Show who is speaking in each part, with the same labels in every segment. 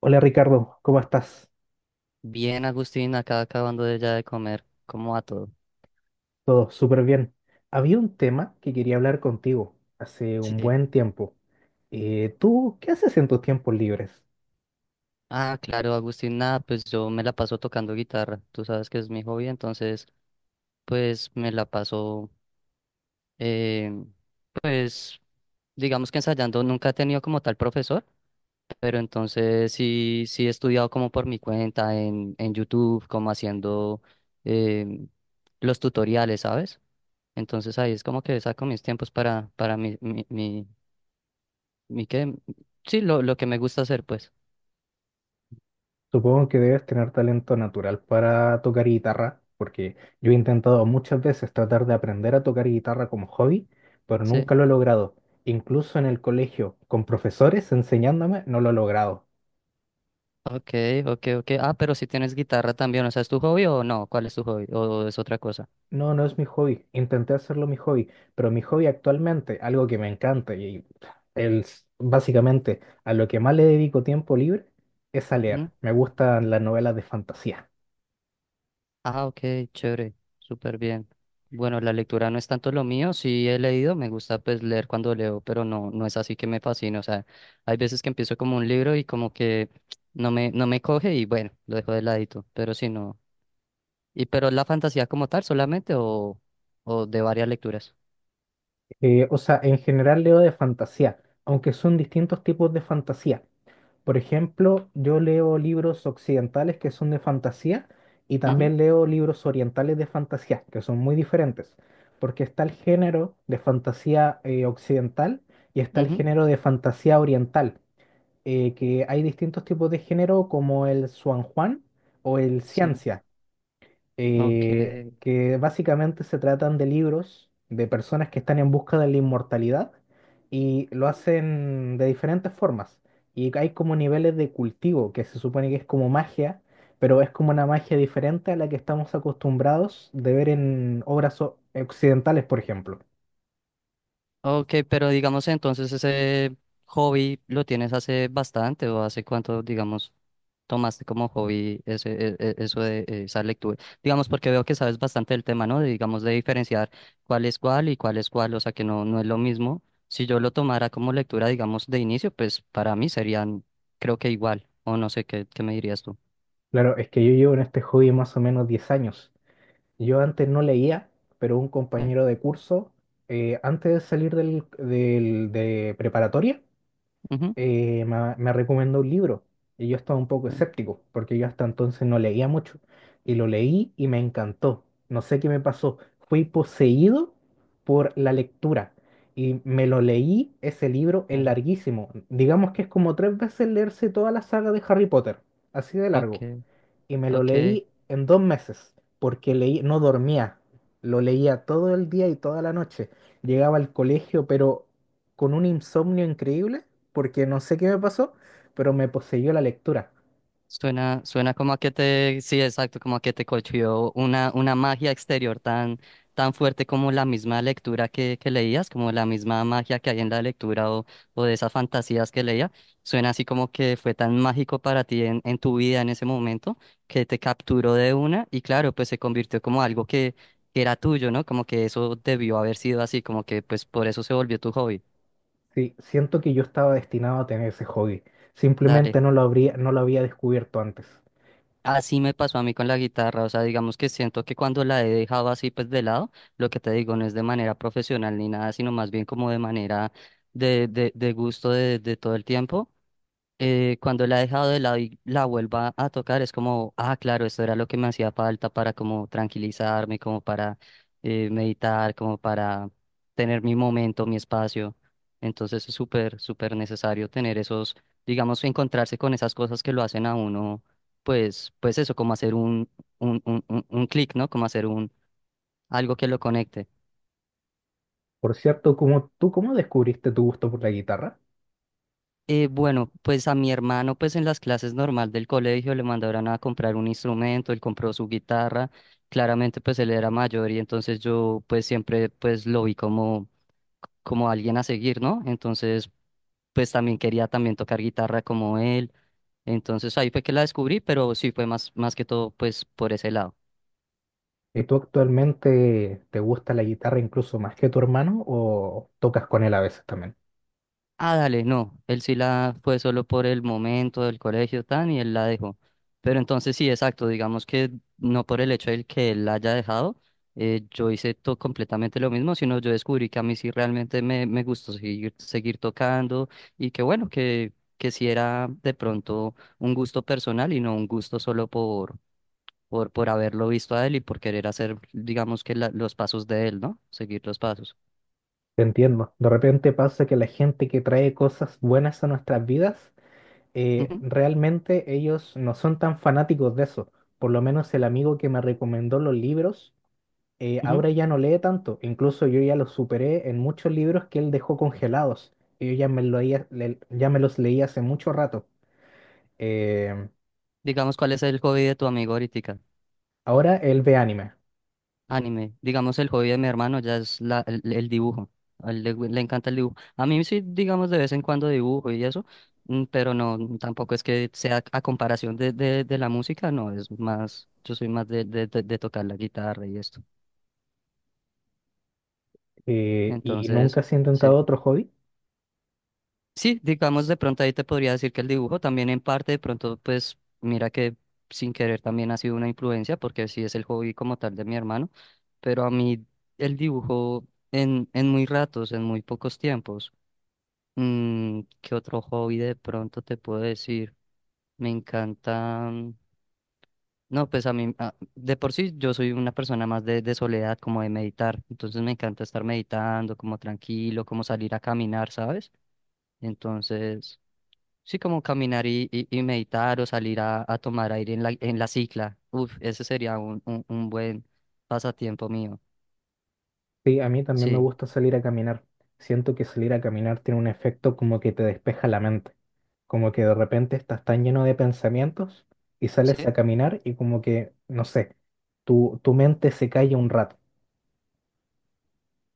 Speaker 1: Hola Ricardo, ¿cómo estás?
Speaker 2: Bien, Agustín, acá acabando de ya de comer. ¿Cómo va todo?
Speaker 1: Todo súper bien. Había un tema que quería hablar contigo hace un
Speaker 2: Sí.
Speaker 1: buen tiempo. ¿Tú qué haces en tus tiempos libres?
Speaker 2: Ah, claro, Agustín, nada, pues yo me la paso tocando guitarra. Tú sabes que es mi hobby, entonces, pues me la paso, eh, pues, digamos que ensayando. Nunca he tenido como tal profesor, pero entonces sí he estudiado como por mi cuenta en YouTube, como haciendo em, los tutoriales, ¿sabes? Entonces ahí es como que saco mis tiempos para mi ¿qué? Sí, lo que me gusta hacer, pues.
Speaker 1: Supongo que debes tener talento natural para tocar guitarra, porque yo he intentado muchas veces tratar de aprender a tocar guitarra como hobby, pero
Speaker 2: Sí.
Speaker 1: nunca lo he logrado. Incluso en el colegio, con profesores enseñándome, no lo he logrado.
Speaker 2: Ok, ok, ok. Ah, pero si tienes guitarra también, o sea, ¿es tu hobby o no? ¿Cuál es tu hobby? ¿O es otra cosa?
Speaker 1: No, no es mi hobby. Intenté hacerlo mi hobby, pero mi hobby actualmente, algo que me encanta y básicamente a lo que más le dedico tiempo libre es a
Speaker 2: ¿Mm?
Speaker 1: leer. Me gustan las novelas de fantasía.
Speaker 2: Ah, ok, chévere, súper bien. Bueno, la lectura no es tanto lo mío, sí he leído, me gusta pues leer cuando leo, pero no, no es así que me fascina, o sea, hay veces que empiezo como un libro y como que no me coge y bueno, lo dejo de ladito, pero sí no. ¿Y pero la fantasía como tal solamente o de varias lecturas?
Speaker 1: O sea, en general leo de fantasía, aunque son distintos tipos de fantasía. Por ejemplo, yo leo libros occidentales que son de fantasía y
Speaker 2: Ujú,
Speaker 1: también leo libros orientales de fantasía, que son muy diferentes, porque está el género de fantasía occidental y está el
Speaker 2: ujú.
Speaker 1: género de fantasía oriental, que hay distintos tipos de género como el Xuanjuan o el
Speaker 2: Sí,
Speaker 1: ciencia
Speaker 2: ok.
Speaker 1: que básicamente se tratan de libros de personas que están en busca de la inmortalidad y lo hacen de diferentes formas. Y hay como niveles de cultivo, que se supone que es como magia, pero es como una magia diferente a la que estamos acostumbrados de ver en obras occidentales, por ejemplo.
Speaker 2: Ok, pero digamos entonces ese hobby lo tienes hace bastante o hace cuánto, digamos, tomaste como hobby ese, eso de esa lectura. Digamos, porque veo que sabes bastante del tema, ¿no? De, digamos, de diferenciar cuál es cuál y cuál es cuál, o sea que no, no es lo mismo. Si yo lo tomara como lectura, digamos, de inicio, pues para mí serían, creo que igual, o no sé qué me dirías tú.
Speaker 1: Claro, es que yo llevo en este hobby más o menos 10 años. Yo antes no leía, pero un
Speaker 2: Eh,
Speaker 1: compañero de curso, antes de salir de preparatoria,
Speaker 2: ujú,
Speaker 1: me recomendó un libro y yo estaba un poco
Speaker 2: eh,
Speaker 1: escéptico porque yo hasta entonces no leía mucho y lo leí y me encantó. No sé qué me pasó, fui poseído por la lectura y me lo leí, ese libro es
Speaker 2: claro.
Speaker 1: larguísimo. Digamos que es como tres veces leerse toda la saga de Harry Potter, así de
Speaker 2: Ok,
Speaker 1: largo y me lo
Speaker 2: ok.
Speaker 1: leí en 2 meses, porque leí, no dormía, lo leía todo el día y toda la noche. Llegaba al colegio, pero con un insomnio increíble, porque no sé qué me pasó, pero me poseyó la lectura.
Speaker 2: Suena como a que te, sí, exacto, como a que te cogió una magia exterior tan, tan fuerte como la misma lectura que leías, como la misma magia que hay en la lectura o de esas fantasías que leía. Suena así como que fue tan mágico para ti en tu vida en ese momento que te capturó de una y claro, pues se convirtió como algo que era tuyo, ¿no? Como que eso debió haber sido así, como que pues por eso se volvió tu hobby.
Speaker 1: Sí, siento que yo estaba destinado a tener ese hobby.
Speaker 2: Dale.
Speaker 1: Simplemente no lo había descubierto antes.
Speaker 2: Así me pasó a mí con la guitarra, o sea, digamos que siento que cuando la he dejado así pues de lado, lo que te digo no es de manera profesional ni nada, sino más bien como de manera de gusto de todo el tiempo cuando la he dejado de lado y la vuelva a tocar, es como, ah, claro, esto era lo que me hacía falta para como tranquilizarme, como para meditar, como para tener mi momento, mi espacio. Entonces es súper, súper necesario tener esos, digamos, encontrarse con esas cosas que lo hacen a uno, pues, pues eso, como hacer un un clic, ¿no? Como hacer algo que lo conecte.
Speaker 1: Por cierto, ¿tú cómo descubriste tu gusto por la guitarra?
Speaker 2: Bueno, pues a mi hermano, pues en las clases normal del colegio le mandaron a comprar un instrumento, él compró su guitarra, claramente pues él era mayor y entonces yo pues siempre pues lo vi como, como alguien a seguir, ¿no? Entonces pues también quería también tocar guitarra como él, entonces ahí fue que la descubrí, pero sí fue más, más que todo pues por ese lado.
Speaker 1: ¿Y tú actualmente te gusta la guitarra incluso más que tu hermano o tocas con él a veces también?
Speaker 2: Ah, dale, no, él sí la fue solo por el momento del colegio tan y él la dejó. Pero entonces sí, exacto, digamos que no por el hecho de que él la haya dejado, yo hice todo completamente lo mismo, sino yo descubrí que a mí sí realmente me gustó seguir tocando y que bueno, que sí era de pronto un gusto personal y no un gusto solo por haberlo visto a él y por querer hacer, digamos que los pasos de él, ¿no? Seguir los pasos.
Speaker 1: Te entiendo. De repente pasa que la gente que trae cosas buenas a nuestras vidas,
Speaker 2: Ujú,
Speaker 1: realmente ellos no son tan fanáticos de eso. Por lo menos el amigo que me recomendó los libros,
Speaker 2: ujú.
Speaker 1: ahora ya no lee tanto. Incluso yo ya los superé en muchos libros que él dejó congelados. Y yo ya me, lo leía- le- ya me los leí hace mucho rato. Eh,
Speaker 2: Digamos, ¿cuál es el hobby de tu amigo ahorita?
Speaker 1: Ahora él ve anime.
Speaker 2: Anime, digamos el hobby de mi hermano ya es el dibujo, a él le encanta el dibujo. A mí sí, digamos de vez en cuando dibujo y eso, mm, pero no, tampoco es que sea a comparación de la música, no, es más, yo soy más de tocar la guitarra y esto.
Speaker 1: ¿Y nunca
Speaker 2: Entonces,
Speaker 1: has intentado
Speaker 2: sí.
Speaker 1: otro hobby?
Speaker 2: Sí, digamos de pronto ahí te podría decir que el dibujo también en parte de pronto pues mira que sin querer también ha sido una influencia porque sí es el hobby como tal de mi hermano. Pero a mí el dibujo en muy ratos, en muy pocos tiempos. Mm, ¿qué otro hobby de pronto te puedo decir? Me encanta... mm. No, pues a mí, ah, de por sí yo soy una persona más de soledad, como de meditar, entonces me encanta estar meditando, como tranquilo, como salir a caminar, ¿sabes? Entonces, sí, como caminar y meditar o salir a tomar aire en en la cicla, uf, ese sería un buen pasatiempo mío,
Speaker 1: Sí, a mí también me
Speaker 2: sí,
Speaker 1: gusta salir a caminar. Siento que salir a caminar tiene un efecto como que te despeja la mente, como que de repente estás tan lleno de pensamientos y sales
Speaker 2: sí,
Speaker 1: a caminar y como que, no sé, tu mente se calla un rato.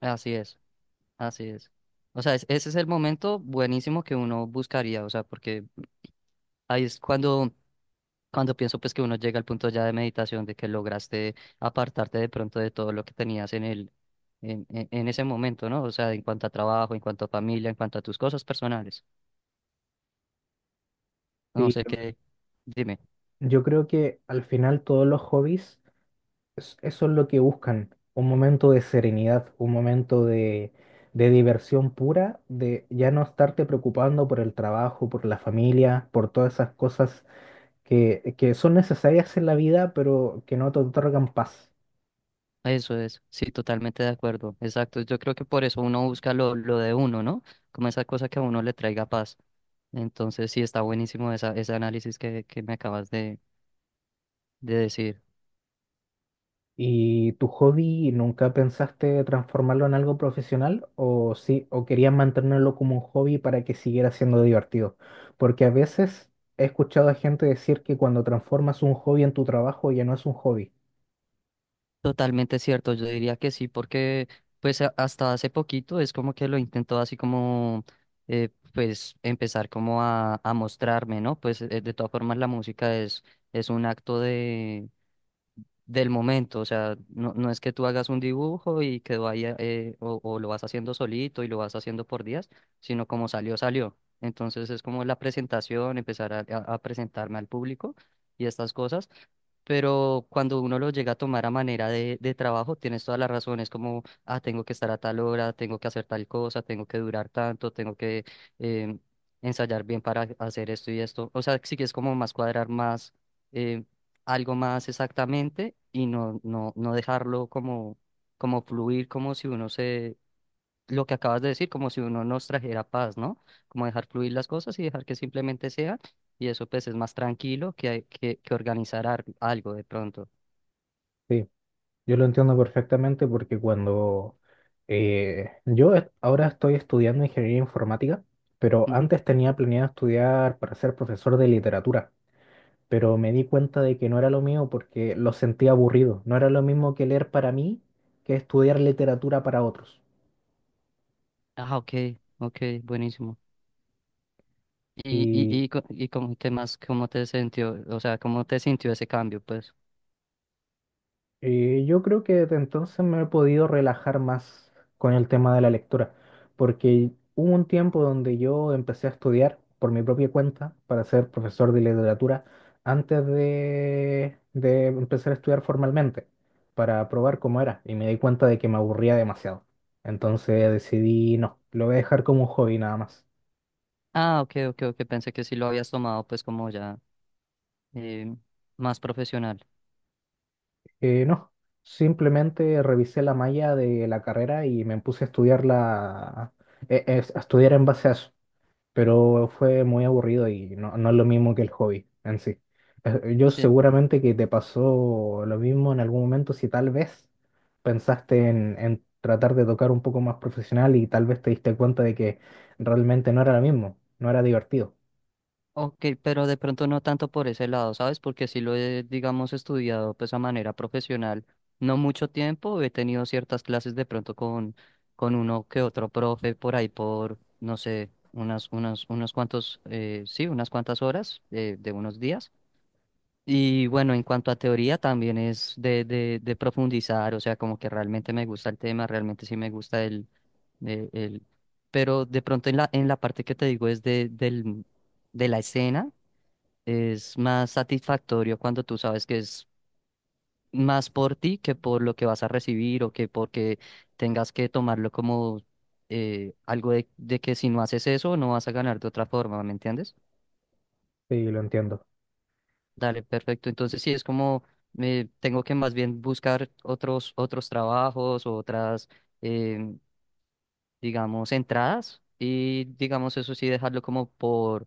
Speaker 2: así es. Así es. O sea, ese es el momento buenísimo que uno buscaría, o sea, porque ahí es cuando pienso pues que uno llega al punto ya de meditación, de que lograste apartarte de pronto de todo lo que tenías en el, en ese momento, ¿no? O sea, en cuanto a trabajo, en cuanto a familia, en cuanto a tus cosas personales. No
Speaker 1: Y
Speaker 2: sé qué, dime.
Speaker 1: yo creo que al final todos los hobbies, eso es lo que buscan, un momento de serenidad, un momento de diversión pura, de ya no estarte preocupando por el trabajo, por la familia, por todas esas cosas que son necesarias en la vida, pero que no te otorgan paz.
Speaker 2: Eso es, sí, totalmente de acuerdo. Exacto. Yo creo que por eso uno busca lo de uno, ¿no? Como esa cosa que a uno le traiga paz. Entonces, sí, está buenísimo ese análisis que me acabas de decir.
Speaker 1: ¿Y tu hobby nunca pensaste transformarlo en algo profesional o sí, o querías mantenerlo como un hobby para que siguiera siendo divertido? Porque a veces he escuchado a gente decir que cuando transformas un hobby en tu trabajo ya no es un hobby.
Speaker 2: Totalmente cierto, yo diría que sí, porque pues hasta hace poquito es como que lo intentó así como pues empezar como a mostrarme, ¿no? Pues de todas formas la música es un acto de, del momento, o sea, no, no es que tú hagas un dibujo y quedó ahí o lo vas haciendo solito y lo vas haciendo por días, sino como salió, salió. Entonces es como la presentación, empezar a a presentarme al público y estas cosas. Pero cuando uno lo llega a tomar a manera de trabajo, tienes todas las razones como, ah, tengo que estar a tal hora, tengo que hacer tal cosa, tengo que durar tanto, tengo que em, ensayar bien para hacer esto y esto. O sea, sí que es como más cuadrar más em, algo más exactamente y no, no dejarlo como, como fluir, como si uno lo que acabas de decir, como si uno nos trajera paz, ¿no? Como dejar fluir las cosas y dejar que simplemente sea, y eso pues es más tranquilo que organizar algo de pronto.
Speaker 1: Sí, yo lo entiendo perfectamente porque cuando ahora estoy estudiando ingeniería informática, pero
Speaker 2: Ujú.
Speaker 1: antes tenía planeado estudiar para ser profesor de literatura, pero me di cuenta de que no era lo mío porque lo sentía aburrido. No era lo mismo que leer para mí que estudiar literatura para otros.
Speaker 2: Ah, ok, ok, buenísimo. Y cómo, ¿qué más, cómo te sintió, o sea, cómo te sintió ese cambio, pues?
Speaker 1: Yo creo que desde entonces me he podido relajar más con el tema de la lectura, porque hubo un tiempo donde yo empecé a estudiar por mi propia cuenta para ser profesor de literatura antes de empezar a estudiar formalmente, para probar cómo era, y me di cuenta de que me aburría demasiado. Entonces decidí, no, lo voy a dejar como un hobby nada más.
Speaker 2: Ah, ok, ok, ok, pensé que sí lo habías tomado pues como ya eh, más profesional.
Speaker 1: No, simplemente revisé la malla de la carrera y me puse a estudiarla, a estudiar en base a eso, pero fue muy aburrido y no, no es lo mismo que el hobby en sí. Yo
Speaker 2: Sí.
Speaker 1: seguramente que te pasó lo mismo en algún momento si tal vez pensaste en tratar de tocar un poco más profesional y tal vez te diste cuenta de que realmente no era lo mismo, no era divertido.
Speaker 2: Ok, pero de pronto no tanto por ese lado, ¿sabes? Porque sí lo he, digamos, estudiado pues a manera profesional, no mucho tiempo, he tenido ciertas clases de pronto con uno que otro profe por ahí por, no sé, unos cuantos, sí, unas cuantas horas de unos días. Y bueno, en cuanto a teoría también es de profundizar, o sea, como que realmente me gusta el tema, realmente sí me gusta el, el- pero de pronto en en la parte que te digo es de la escena es más satisfactorio cuando tú sabes que es más por ti que por lo que vas a recibir o que porque tengas que tomarlo como algo de que si no haces eso no vas a ganar de otra forma, ¿me entiendes?
Speaker 1: Sí, lo entiendo,
Speaker 2: Dale, perfecto. Entonces sí, es como tengo que más bien buscar otros trabajos o otras, eh, digamos, entradas y, digamos, eso sí, dejarlo como por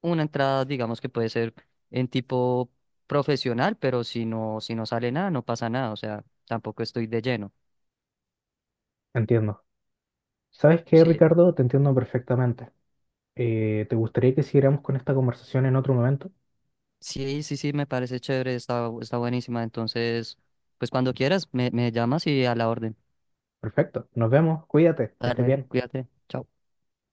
Speaker 2: una entrada, digamos, que puede ser en tipo profesional, pero si no, si no sale nada, no pasa nada, o sea, tampoco estoy de lleno.
Speaker 1: entiendo. ¿Sabes qué,
Speaker 2: Sí,
Speaker 1: Ricardo? Te entiendo perfectamente. ¿Te gustaría que siguiéramos con esta conversación en otro momento?
Speaker 2: sí, me parece chévere, está, está buenísima, entonces, pues cuando quieras, me llamas y a la orden.
Speaker 1: Perfecto, nos vemos, cuídate, que estés
Speaker 2: Dale,
Speaker 1: bien.
Speaker 2: cuídate, chao.